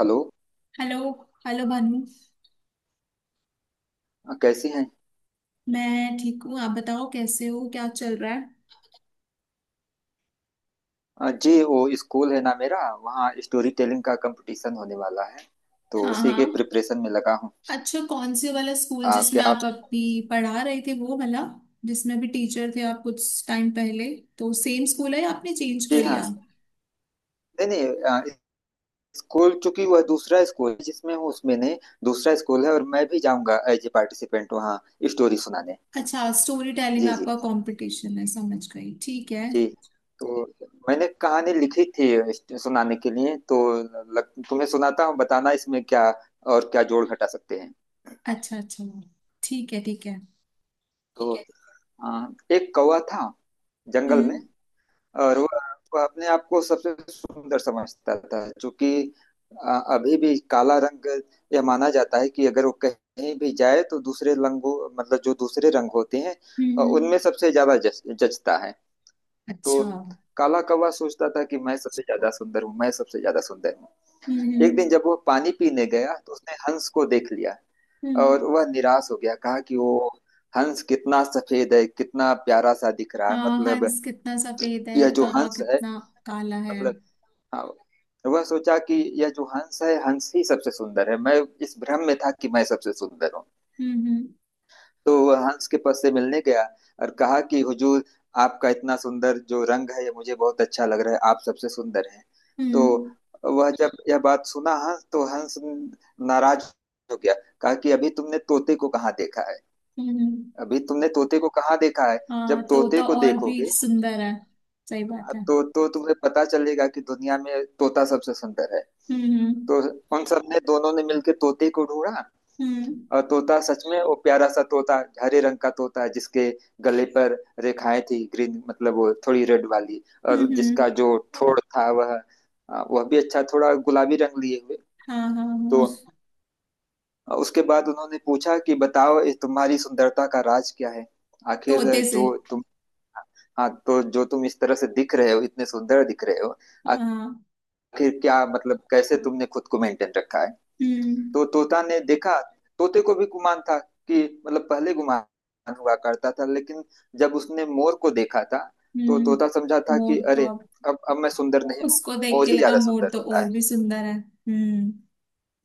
Hello. Hello. Hello Bhanu. कैसी हैं। मैं ठीक हूँ, आप बताओ कैसे हो, क्या चल रहा है। जी, वो स्कूल है ना मेरा, वहाँ स्टोरी टेलिंग का कंपटीशन होने वाला है, तो हाँ उसी के हाँ। प्रिपरेशन में लगा हूँ। अच्छा, कौन से वाला स्कूल जिसमें क्या आप। आप अभी पढ़ा रहे थे वो वाला, जिसमें अभी टीचर थे आप कुछ टाइम पहले, तो सेम स्कूल है या आपने चेंज कर जी हाँ। लिया? नहीं नहीं, स्कूल, चूंकि वह दूसरा स्कूल है जिसमें हूँ उसमें नहीं, दूसरा स्कूल है। और मैं भी जाऊँगा एज ए पार्टिसिपेंट वहाँ, स्टोरी सुनाने। अच्छा, स्टोरी टेलिंग जी, जी, आपका कंपटीशन है, समझ गई, ठीक है। जी। तो मैंने कहानी लिखी थी सुनाने के लिए, तो तुम्हें सुनाता हूँ, बताना इसमें क्या और क्या जोड़ घटा सकते हैं। अच्छा अच्छा। ठीक है ठीक है। तो अ, एक कौवा था जंगल में। हम्म और वह अपने आप को सबसे सुंदर समझता था, चूंकि अभी भी काला रंग, यह माना जाता है कि अगर वो कहीं भी जाए तो दूसरे रंगों, मतलब जो दूसरे रंग होते हैं, हम्म हम्म, उनमें सबसे ज्यादा जचता है। तो अच्छा हम्म। काला कौवा सोचता था कि मैं सबसे ज्यादा सुंदर हूँ, मैं सबसे ज्यादा सुंदर हूँ। एक दिन हम्म जब वो पानी पीने गया तो उसने हंस को देख लिया। हम्म। और वह निराश हो गया, कहा कि वो हंस कितना सफेद है, कितना प्यारा सा दिख रहा है। हाँ, मतलब हंस कितना सफेद है, यह जो कौवा हंस है, कितना काला है। मतलब, हाँ, वह सोचा कि यह जो हंस है, हंस ही सबसे सुंदर है। मैं इस भ्रम में था कि मैं सबसे सुंदर हूँ। हम्म हम्म। तो वह हंस के पास से मिलने गया और कहा कि हुजूर, आपका इतना सुंदर जो रंग है ये मुझे बहुत अच्छा लग रहा है, आप सबसे सुंदर हैं। तो हम्म वह जब यह बात सुना, हंस तो हंस नाराज हो गया, कहा कि अभी तुमने तोते को कहाँ देखा है, हम्म। अभी तुमने तोते को कहाँ देखा है। हाँ, जब तोते तोता को और भी देखोगे सुंदर है। सही बात हाँ, है। तो तुम्हें पता चलेगा कि दुनिया में तोता सबसे सुंदर है। हम्म हम्म तो उन सब ने, दोनों ने मिलके तोते को ढूंढा। हम्म और तोता, सच में वो प्यारा सा तोता, हरे रंग का तोता, जिसके गले पर रेखाएं थी ग्रीन, मतलब वो थोड़ी रेड वाली, हम्म। और जिसका जो ठोड़ था वह, वह भी अच्छा, थोड़ा गुलाबी रंग लिए हुए। हाँ हाँ तो हाँ। उसके बाद उन्होंने पूछा कि बताओ, इस तुम्हारी सुंदरता का राज क्या है, आखिर तोते से। जो तुम, हाँ, तो जो तुम इस तरह से दिख रहे हो, इतने सुंदर दिख रहे हो, हाँ। आखिर क्या, मतलब कैसे तुमने खुद को मेंटेन रखा है। हम्म तो तोता ने देखा, तोते को भी गुमान था कि, मतलब पहले गुमान हुआ करता था, लेकिन जब उसने मोर को देखा था, तो हम्म। तोता समझा था कि मोर तो अरे, अब अब मैं सुंदर नहीं हूँ। उसको देख मोर के ही लगा ज्यादा मोर सुंदर तो होता है। और भी सुंदर है।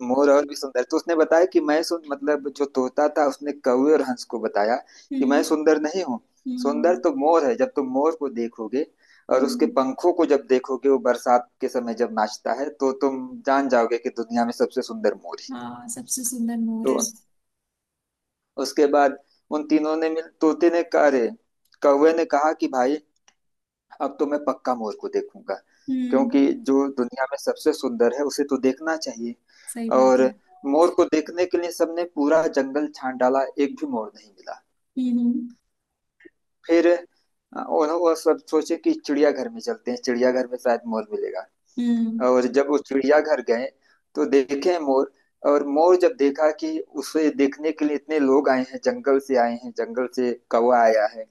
मोर और भी सुंदर, तो उसने बताया कि मैं सुन मतलब, जो तोता था उसने कौवे और हंस को बताया कि हम्म मैं सुंदर नहीं हूँ, सुंदर हम्म तो मोर है। जब तुम मोर को देखोगे और उसके हम्म। पंखों को जब देखोगे, वो बरसात के समय जब नाचता है, तो तुम जान जाओगे कि दुनिया में सबसे सुंदर मोर ही है। हाँ, सबसे सुंदर मोर तो है। उसके बाद उन तीनों ने मिल तोते ने कहा, अरे, कौवे ने कहा कि भाई, अब तो मैं पक्का मोर को देखूंगा। क्योंकि हम्म। जो दुनिया में सबसे सुंदर है उसे तो देखना चाहिए। सही बात है। और मोर को देखने के लिए सबने पूरा जंगल छान डाला, एक भी मोर नहीं मिला। हम्म हम्म फिर उन्होंने वो सब सोचे कि चिड़ियाघर में चलते हैं, चिड़ियाघर में शायद मोर मिलेगा। हम्म, और जब वो चिड़ियाघर गए तो देखे मोर। और मोर जब देखा कि उसे देखने के लिए इतने लोग आए हैं, जंगल से आए हैं, जंगल से कौवा आया है,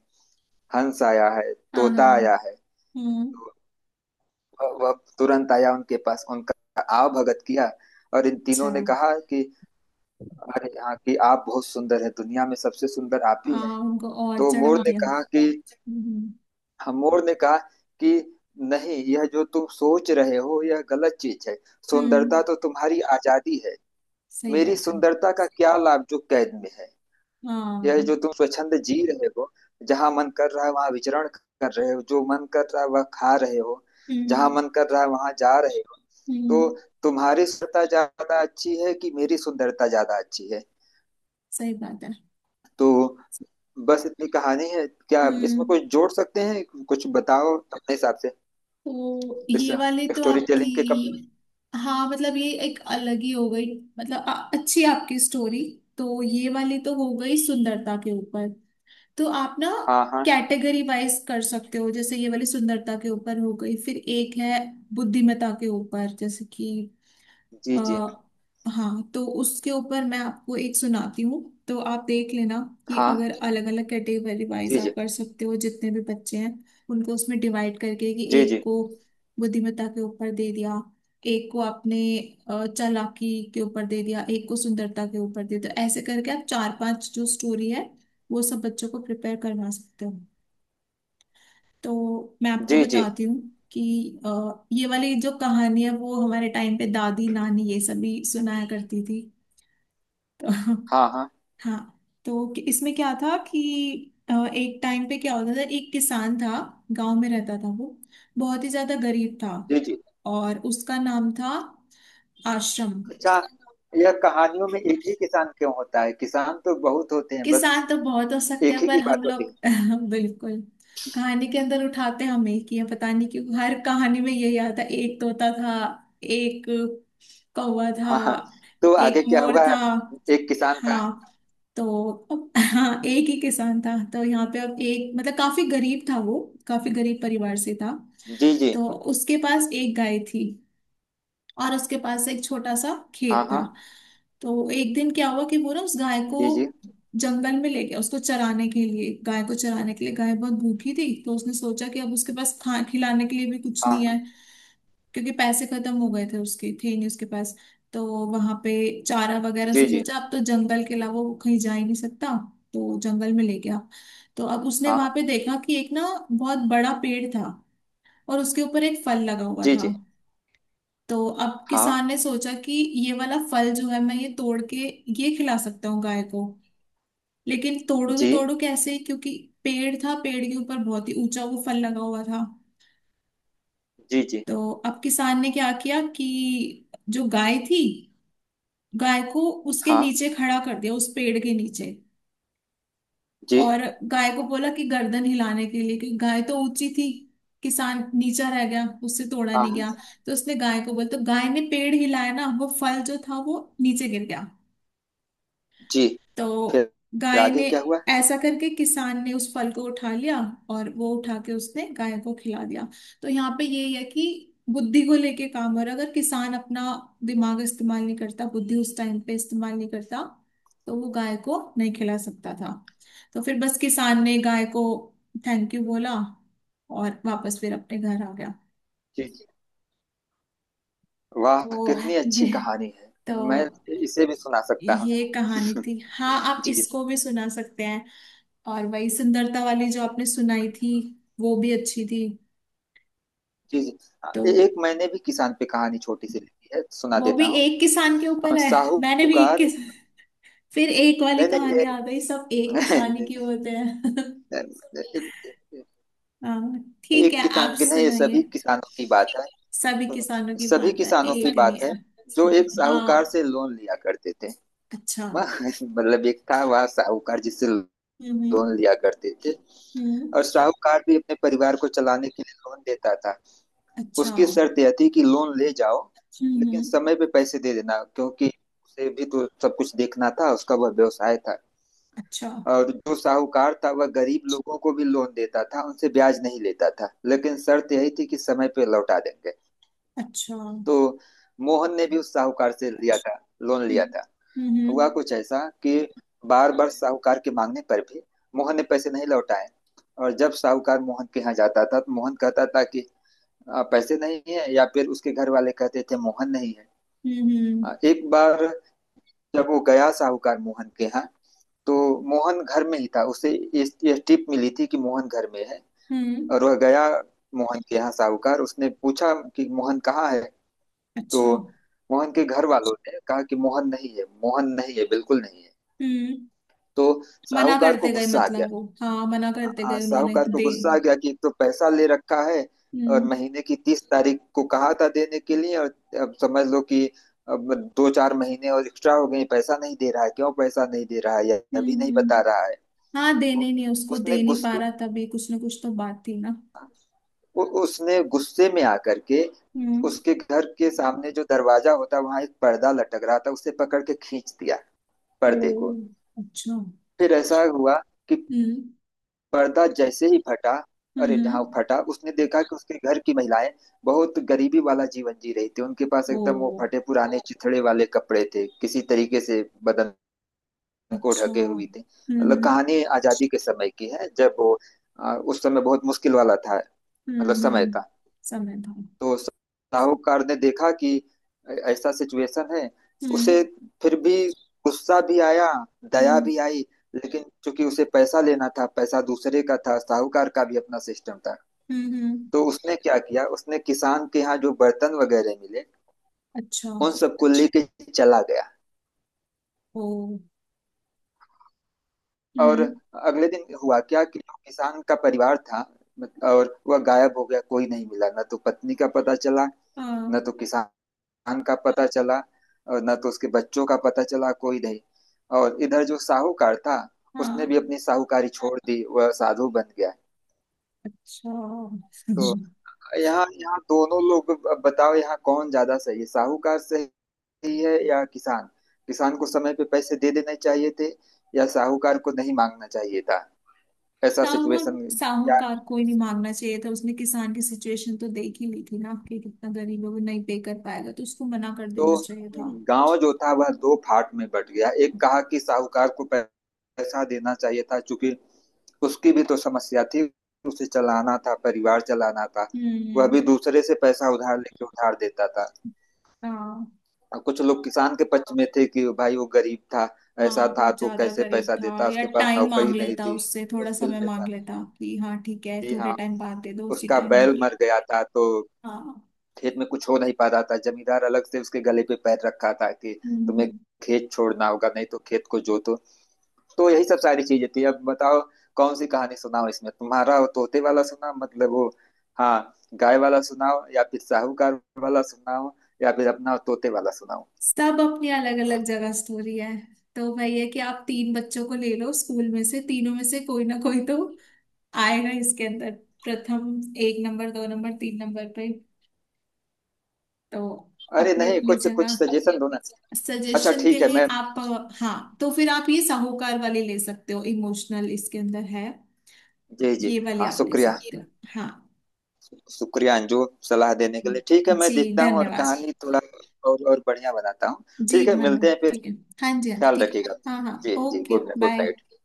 हंस आया है, हाँ तोता हाँ। आया है, हम्म। तो वह तुरंत आया उनके पास, उनका आवभगत किया। और इन अच्छा। तीनों ने कहा कि अरे हाँ, कि आप बहुत सुंदर हैं, दुनिया में सबसे सुंदर आप ही हैं। हाँ, उनको और तो मोर चढ़ा ने दिया। कहा कि, हम्म। हाँ, मोर ने कहा कि नहीं, यह जो तुम सोच रहे हो यह गलत चीज है। सुंदरता हम्म। तो तुम्हारी आजादी है। सही मेरी बात है। सुंदरता का क्या लाभ, जो कैद में है। यह हाँ। जो तुम स्वच्छंद जी रहे हो, जहां मन कर रहा है वहां विचरण कर रहे हो, जो मन कर रहा है वह खा रहे हो, जहां हम्म मन कर रहा है वहां जा रहे हो। तो हम्म। तुम्हारी सुंदरता ज्यादा अच्छी है कि मेरी सुंदरता ज्यादा अच्छी है। सही बात है। तो बस इतनी कहानी है। क्या इसमें हम्म। कुछ जोड़ सकते हैं, कुछ बताओ अपने हिसाब से। तो इस ये वाले तो स्टोरी आपकी। टेलिंग के कम। हाँ, मतलब ये एक अलग ही हो गई। मतलब अच्छी आपकी स्टोरी। तो ये वाली तो हो गई सुंदरता के ऊपर। तो आप ना हाँ, हाँ। कैटेगरी वाइज कर सकते हो, जैसे ये वाली सुंदरता के ऊपर हो गई, फिर एक है बुद्धिमत्ता के ऊपर, जैसे कि जी, अ, जी। हाँ, तो उसके ऊपर मैं आपको एक सुनाती हूँ। तो आप देख लेना कि हाँ। अगर अलग अलग कैटेगरी वाइज जी, आप जी। कर सकते हो, जितने भी बच्चे हैं उनको उसमें डिवाइड करके, कि जी, एक जी। को बुद्धिमत्ता के ऊपर दे दिया, एक को आपने चालाकी के ऊपर दे दिया, एक को सुंदरता के ऊपर दे दिया, तो ऐसे करके आप चार पांच जो स्टोरी है वो सब बच्चों को प्रिपेयर करवा सकते हो। तो मैं आपको जी, जी। बताती हूँ कि ये वाली जो कहानी है वो हमारे टाइम पे दादी नानी ये सभी सुनाया करती थी। तो हाँ, हाँ। हाँ, तो इसमें क्या था कि एक टाइम पे क्या होता था, एक किसान था, गांव में रहता था वो, बहुत ही ज्यादा गरीब था। जी, जी। और उसका नाम था आश्रम। अच्छा। यह कहानियों में एक ही किसान क्यों होता है? किसान तो बहुत होते हैं, बस किसान तो बहुत हो सकते एक हैं ही की पर हम बात होती लोग है। बिल्कुल कहानी के अंदर उठाते हम एक ही है, पता नहीं क्यों हर कहानी में यही आता है, एक तोता था, एक कौवा था, हाँ, हाँ। तो आगे एक क्या मोर हुआ? था। एक किसान था। हाँ। तो अब हाँ, एक ही किसान था, तो यहाँ पे अब एक मतलब काफी गरीब था वो, काफी गरीब परिवार से था। जी, जी। तो उसके पास एक गाय थी और उसके पास एक छोटा सा हाँ, खेत था। हाँ। तो एक दिन क्या हुआ कि वो ना उस गाय को जी, जी। जंगल में ले गया उसको चराने के लिए, गाय को चराने के लिए। गाय बहुत भूखी थी तो उसने सोचा कि अब उसके पास खा खिलाने के लिए भी कुछ हाँ, नहीं हाँ। है, क्योंकि पैसे खत्म हो गए थे, उसके थे नहीं उसके पास। तो वहां पे चारा वगैरह, जी, उसने जी। सोचा अब तो जंगल के अलावा वो कहीं जा ही नहीं सकता, तो जंगल में ले गया। तो अब उसने हाँ, हाँ, वहां पे देखा कि एक ना बहुत बड़ा पेड़ था, और उसके ऊपर एक फल लगा हुआ जी, था। जी। तो अब हाँ, किसान ने सोचा कि ये वाला फल जो है मैं ये तोड़ के ये खिला सकता हूँ गाय को, लेकिन तोड़ो तो जी, तोड़ो कैसे, क्योंकि पेड़ था, पेड़ के ऊपर बहुत ही ऊंचा वो फल लगा हुआ था। जी, जी। तो अब किसान ने क्या किया कि जो गाय थी, गाय को उसके हाँ, नीचे खड़ा कर दिया, उस पेड़ के नीचे। जी। और गाय को बोला कि गर्दन हिलाने के लिए, क्योंकि गाय तो ऊंची थी, किसान नीचा रह गया, उससे तोड़ा हाँ, नहीं हाँ, गया। तो उसने गाय को बोला, तो गाय ने पेड़ हिलाया ना, वो फल जो था वो नीचे गिर गया। जी। तो फिर गाय आगे ने क्या हुआ? ऐसा करके, किसान ने उस फल को उठा लिया, और वो उठा के उसने गाय को खिला दिया। तो यहाँ पे ये है कि बुद्धि को लेके काम हो रहा है। अगर किसान अपना दिमाग इस्तेमाल नहीं करता, बुद्धि उस टाइम पे इस्तेमाल नहीं करता, तो वो गाय को नहीं खिला सकता था। तो फिर बस किसान ने गाय को थैंक यू बोला, और वापस फिर अपने घर आ गया। जी, जी। वाह, तो कितनी अच्छी ये कहानी है! तो मैं इसे भी सुना सकता हूँ। ये कहानी थी। हाँ, आप जी, इसको भी सुना सकते हैं। और वही सुंदरता वाली जो आपने सुनाई थी वो भी अच्छी थी। जी, जी। हाँ, तो एक मैंने भी किसान पे कहानी छोटी सी लिखी है, सुना वो भी देता हूँ। एक किसान के ऊपर है। मैंने भी एक साहूकार। किस फिर एक वाली नहीं नहीं, कहानी ये आ गई, सब एक किसान ही नहीं, के होते हैं। नहीं, हाँ ठीक एक है, आप किसान की नहीं, ये सभी सुनाइए। किसानों की बात है। सभी सुनो, किसानों की सभी बात है, किसानों की एक नहीं बात है। है, जो एक साहूकार हाँ। से लोन लिया करते थे। अच्छा। मतलब एक था वह साहूकार, जिससे हम्म लोन लिया करते थे। हम्म। और साहूकार भी अपने परिवार को चलाने के लिए लोन देता था। अच्छा। उसकी शर्त यह थी कि लोन ले जाओ, लेकिन हम्म। समय पे पैसे दे देना, क्योंकि उसे भी तो सब कुछ देखना था, उसका वह व्यवसाय था। अच्छा। और जो साहूकार था वह गरीब लोगों को भी लोन देता था, उनसे ब्याज नहीं लेता था, लेकिन शर्त यही थी कि समय पे लौटा देंगे। अच्छा। तो मोहन ने भी उस साहूकार से लिया था, लोन लिया था। हुआ हम्म। कुछ ऐसा कि बार बार साहूकार के मांगने पर भी मोहन ने पैसे नहीं लौटाए। और जब साहूकार मोहन के यहाँ जाता था तो मोहन कहता था कि पैसे नहीं है, या फिर उसके घर वाले कहते थे मोहन नहीं है। हम्म एक बार जब वो गया साहूकार मोहन के यहाँ, तो मोहन घर में ही था। उसे यह टिप मिली थी कि मोहन घर में है। हम्म। और वह गया मोहन के यहाँ साहूकार, उसने पूछा कि मोहन कहाँ है। तो अच्छा। मोहन के घर वालों ने कहा कि मोहन नहीं है, मोहन नहीं है, बिल्कुल नहीं है। हम्म। तो मना साहूकार को करते गए गुस्सा आ गया। मतलब वो, हाँ मना करते हाँ, गए, उन्होंने साहूकार को दे। गुस्सा आ गया कि एक तो पैसा ले रखा है, और हम्म महीने की 30 तारीख को कहा था देने के लिए, और अब समझ लो कि अब दो चार महीने और एक्स्ट्रा हो गए, पैसा नहीं दे रहा है, क्यों पैसा नहीं दे रहा है या हम्म अभी नहीं बता हम्म। रहा है। हाँ, तो देने नहीं, उसको उसने दे नहीं पा गुस्से रहा, तभी कुछ ना कुछ तो बात थी ना। उसने गुस्से में आकर के हम्म। उसके घर के सामने जो दरवाजा होता है वहां एक पर्दा लटक रहा था, उसे पकड़ के खींच दिया, ओ। पर्दे को। अच्छा। फिर ऐसा हुआ कि हम्म पर्दा जैसे ही फटा, अरे, हम्म जहाँ हम्म, फटा उसने देखा कि उसके घर की महिलाएं बहुत गरीबी वाला जीवन जी रही थी, उनके पास ओ एकदम वो फटे पुराने चिथड़े वाले कपड़े थे, किसी तरीके से बदन को अच्छा। ढके हुई थी। मतलब हम्म। कहानी आजादी के समय की है, जब वो उस समय बहुत मुश्किल वाला था, मतलब हम्म समय हम्म, था। समय था। तो साहूकार ने देखा कि ऐसा सिचुएशन है, उसे हम्म। फिर भी गुस्सा भी आया, दया हम्म भी आई, लेकिन चूंकि उसे पैसा लेना था, पैसा दूसरे का था, साहूकार का भी अपना सिस्टम था। हम्म तो हम्म, उसने क्या किया, उसने किसान के यहाँ जो बर्तन वगैरह मिले अच्छा। उन सबको जी लेके चला गया। ओ। और हम्म। अगले दिन हुआ क्या कि जो किसान का परिवार था, और वह गायब हो गया, कोई नहीं मिला, न तो पत्नी का पता चला, हाँ न तो किसान खान का पता चला, और न तो उसके बच्चों का पता चला, कोई नहीं। और इधर जो साहूकार था, उसने भी हाँ। अपनी साहूकारी छोड़ दी, वह साधु बन गया। अच्छा। तो यहाँ यहाँ दोनों लोग, अब बताओ, यहाँ कौन ज्यादा सही है, साहूकार सही है या किसान। किसान को समय पे पैसे दे देने चाहिए थे, या साहूकार को नहीं मांगना चाहिए था? ऐसा सिचुएशन, क्या? साहूकार को ही नहीं मांगना चाहिए था, उसने किसान की सिचुएशन तो देख ही ली थी ना कि कितना गरीब है, वो नहीं पे कर पाएगा, तो उसको मना कर तो देना चाहिए था। गांव जो था वह दो फाट में बट गया, एक कहा कि साहूकार को पैसा देना चाहिए था, चूंकि उसकी भी तो समस्या थी, उसे चलाना था, परिवार चलाना था। वह हम्म। भी दूसरे से पैसा उधार लेके उधार देता था। हाँ और कुछ लोग किसान के पक्ष में थे कि भाई वो गरीब था, ऐसा हाँ, था बहुत तो ज्यादा कैसे गरीब पैसा था, देता, या उसके पास टाइम मांग नौकरी नहीं लेता थी, उससे, थोड़ा मुश्किल समय में मांग था। लेता कि हाँ ठीक है, जी थोड़े हाँ। टाइम बाद दे दो उसी उसका टाइम। बैल मर गया था तो हाँ। खेत में कुछ हो नहीं पा रहा था, जमींदार अलग से उसके गले पे पैर रखा था कि तुम्हें हम्म। खेत छोड़ना होगा, नहीं तो खेत को जोतो। तो यही सब सारी चीजें थी। अब बताओ, कौन सी कहानी सुनाओ, इसमें तुम्हारा? वो तोते वाला सुनाओ, मतलब वो, हाँ, गाय वाला सुनाओ, या फिर साहूकार वाला सुनाओ, या फिर अपना तोते वाला सुनाओ। सब अपनी अलग अलग जगह स्टोरी है। तो भाई है कि आप तीन बच्चों को ले लो स्कूल में से, तीनों में से कोई ना कोई तो आएगा इसके अंदर, प्रथम, एक नंबर दो नंबर तीन नंबर पे। तो अरे अपनी नहीं, अपनी कुछ कुछ जगह। सजेशन दो ना। अच्छा सजेशन के ठीक है, लिए मैं। आप, हाँ तो फिर आप ये साहूकार वाली ले सकते हो, इमोशनल इसके अंदर है। जी, जी। ये वाली हाँ, आप ले शुक्रिया, सकते हो। हाँ शुक्रिया अंजू, सलाह देने के लिए। ठीक है, मैं जी देखता हूँ और धन्यवाद। कहानी थोड़ा और बढ़िया बनाता हूँ। जी ठीक है, भानु मिलते हैं फिर। ठीक है। हाँ जी हाँ जी, ख्याल ठीक रखिएगा है। अपना। हाँ हाँ, जी, जी, okay good night, good bye. Night.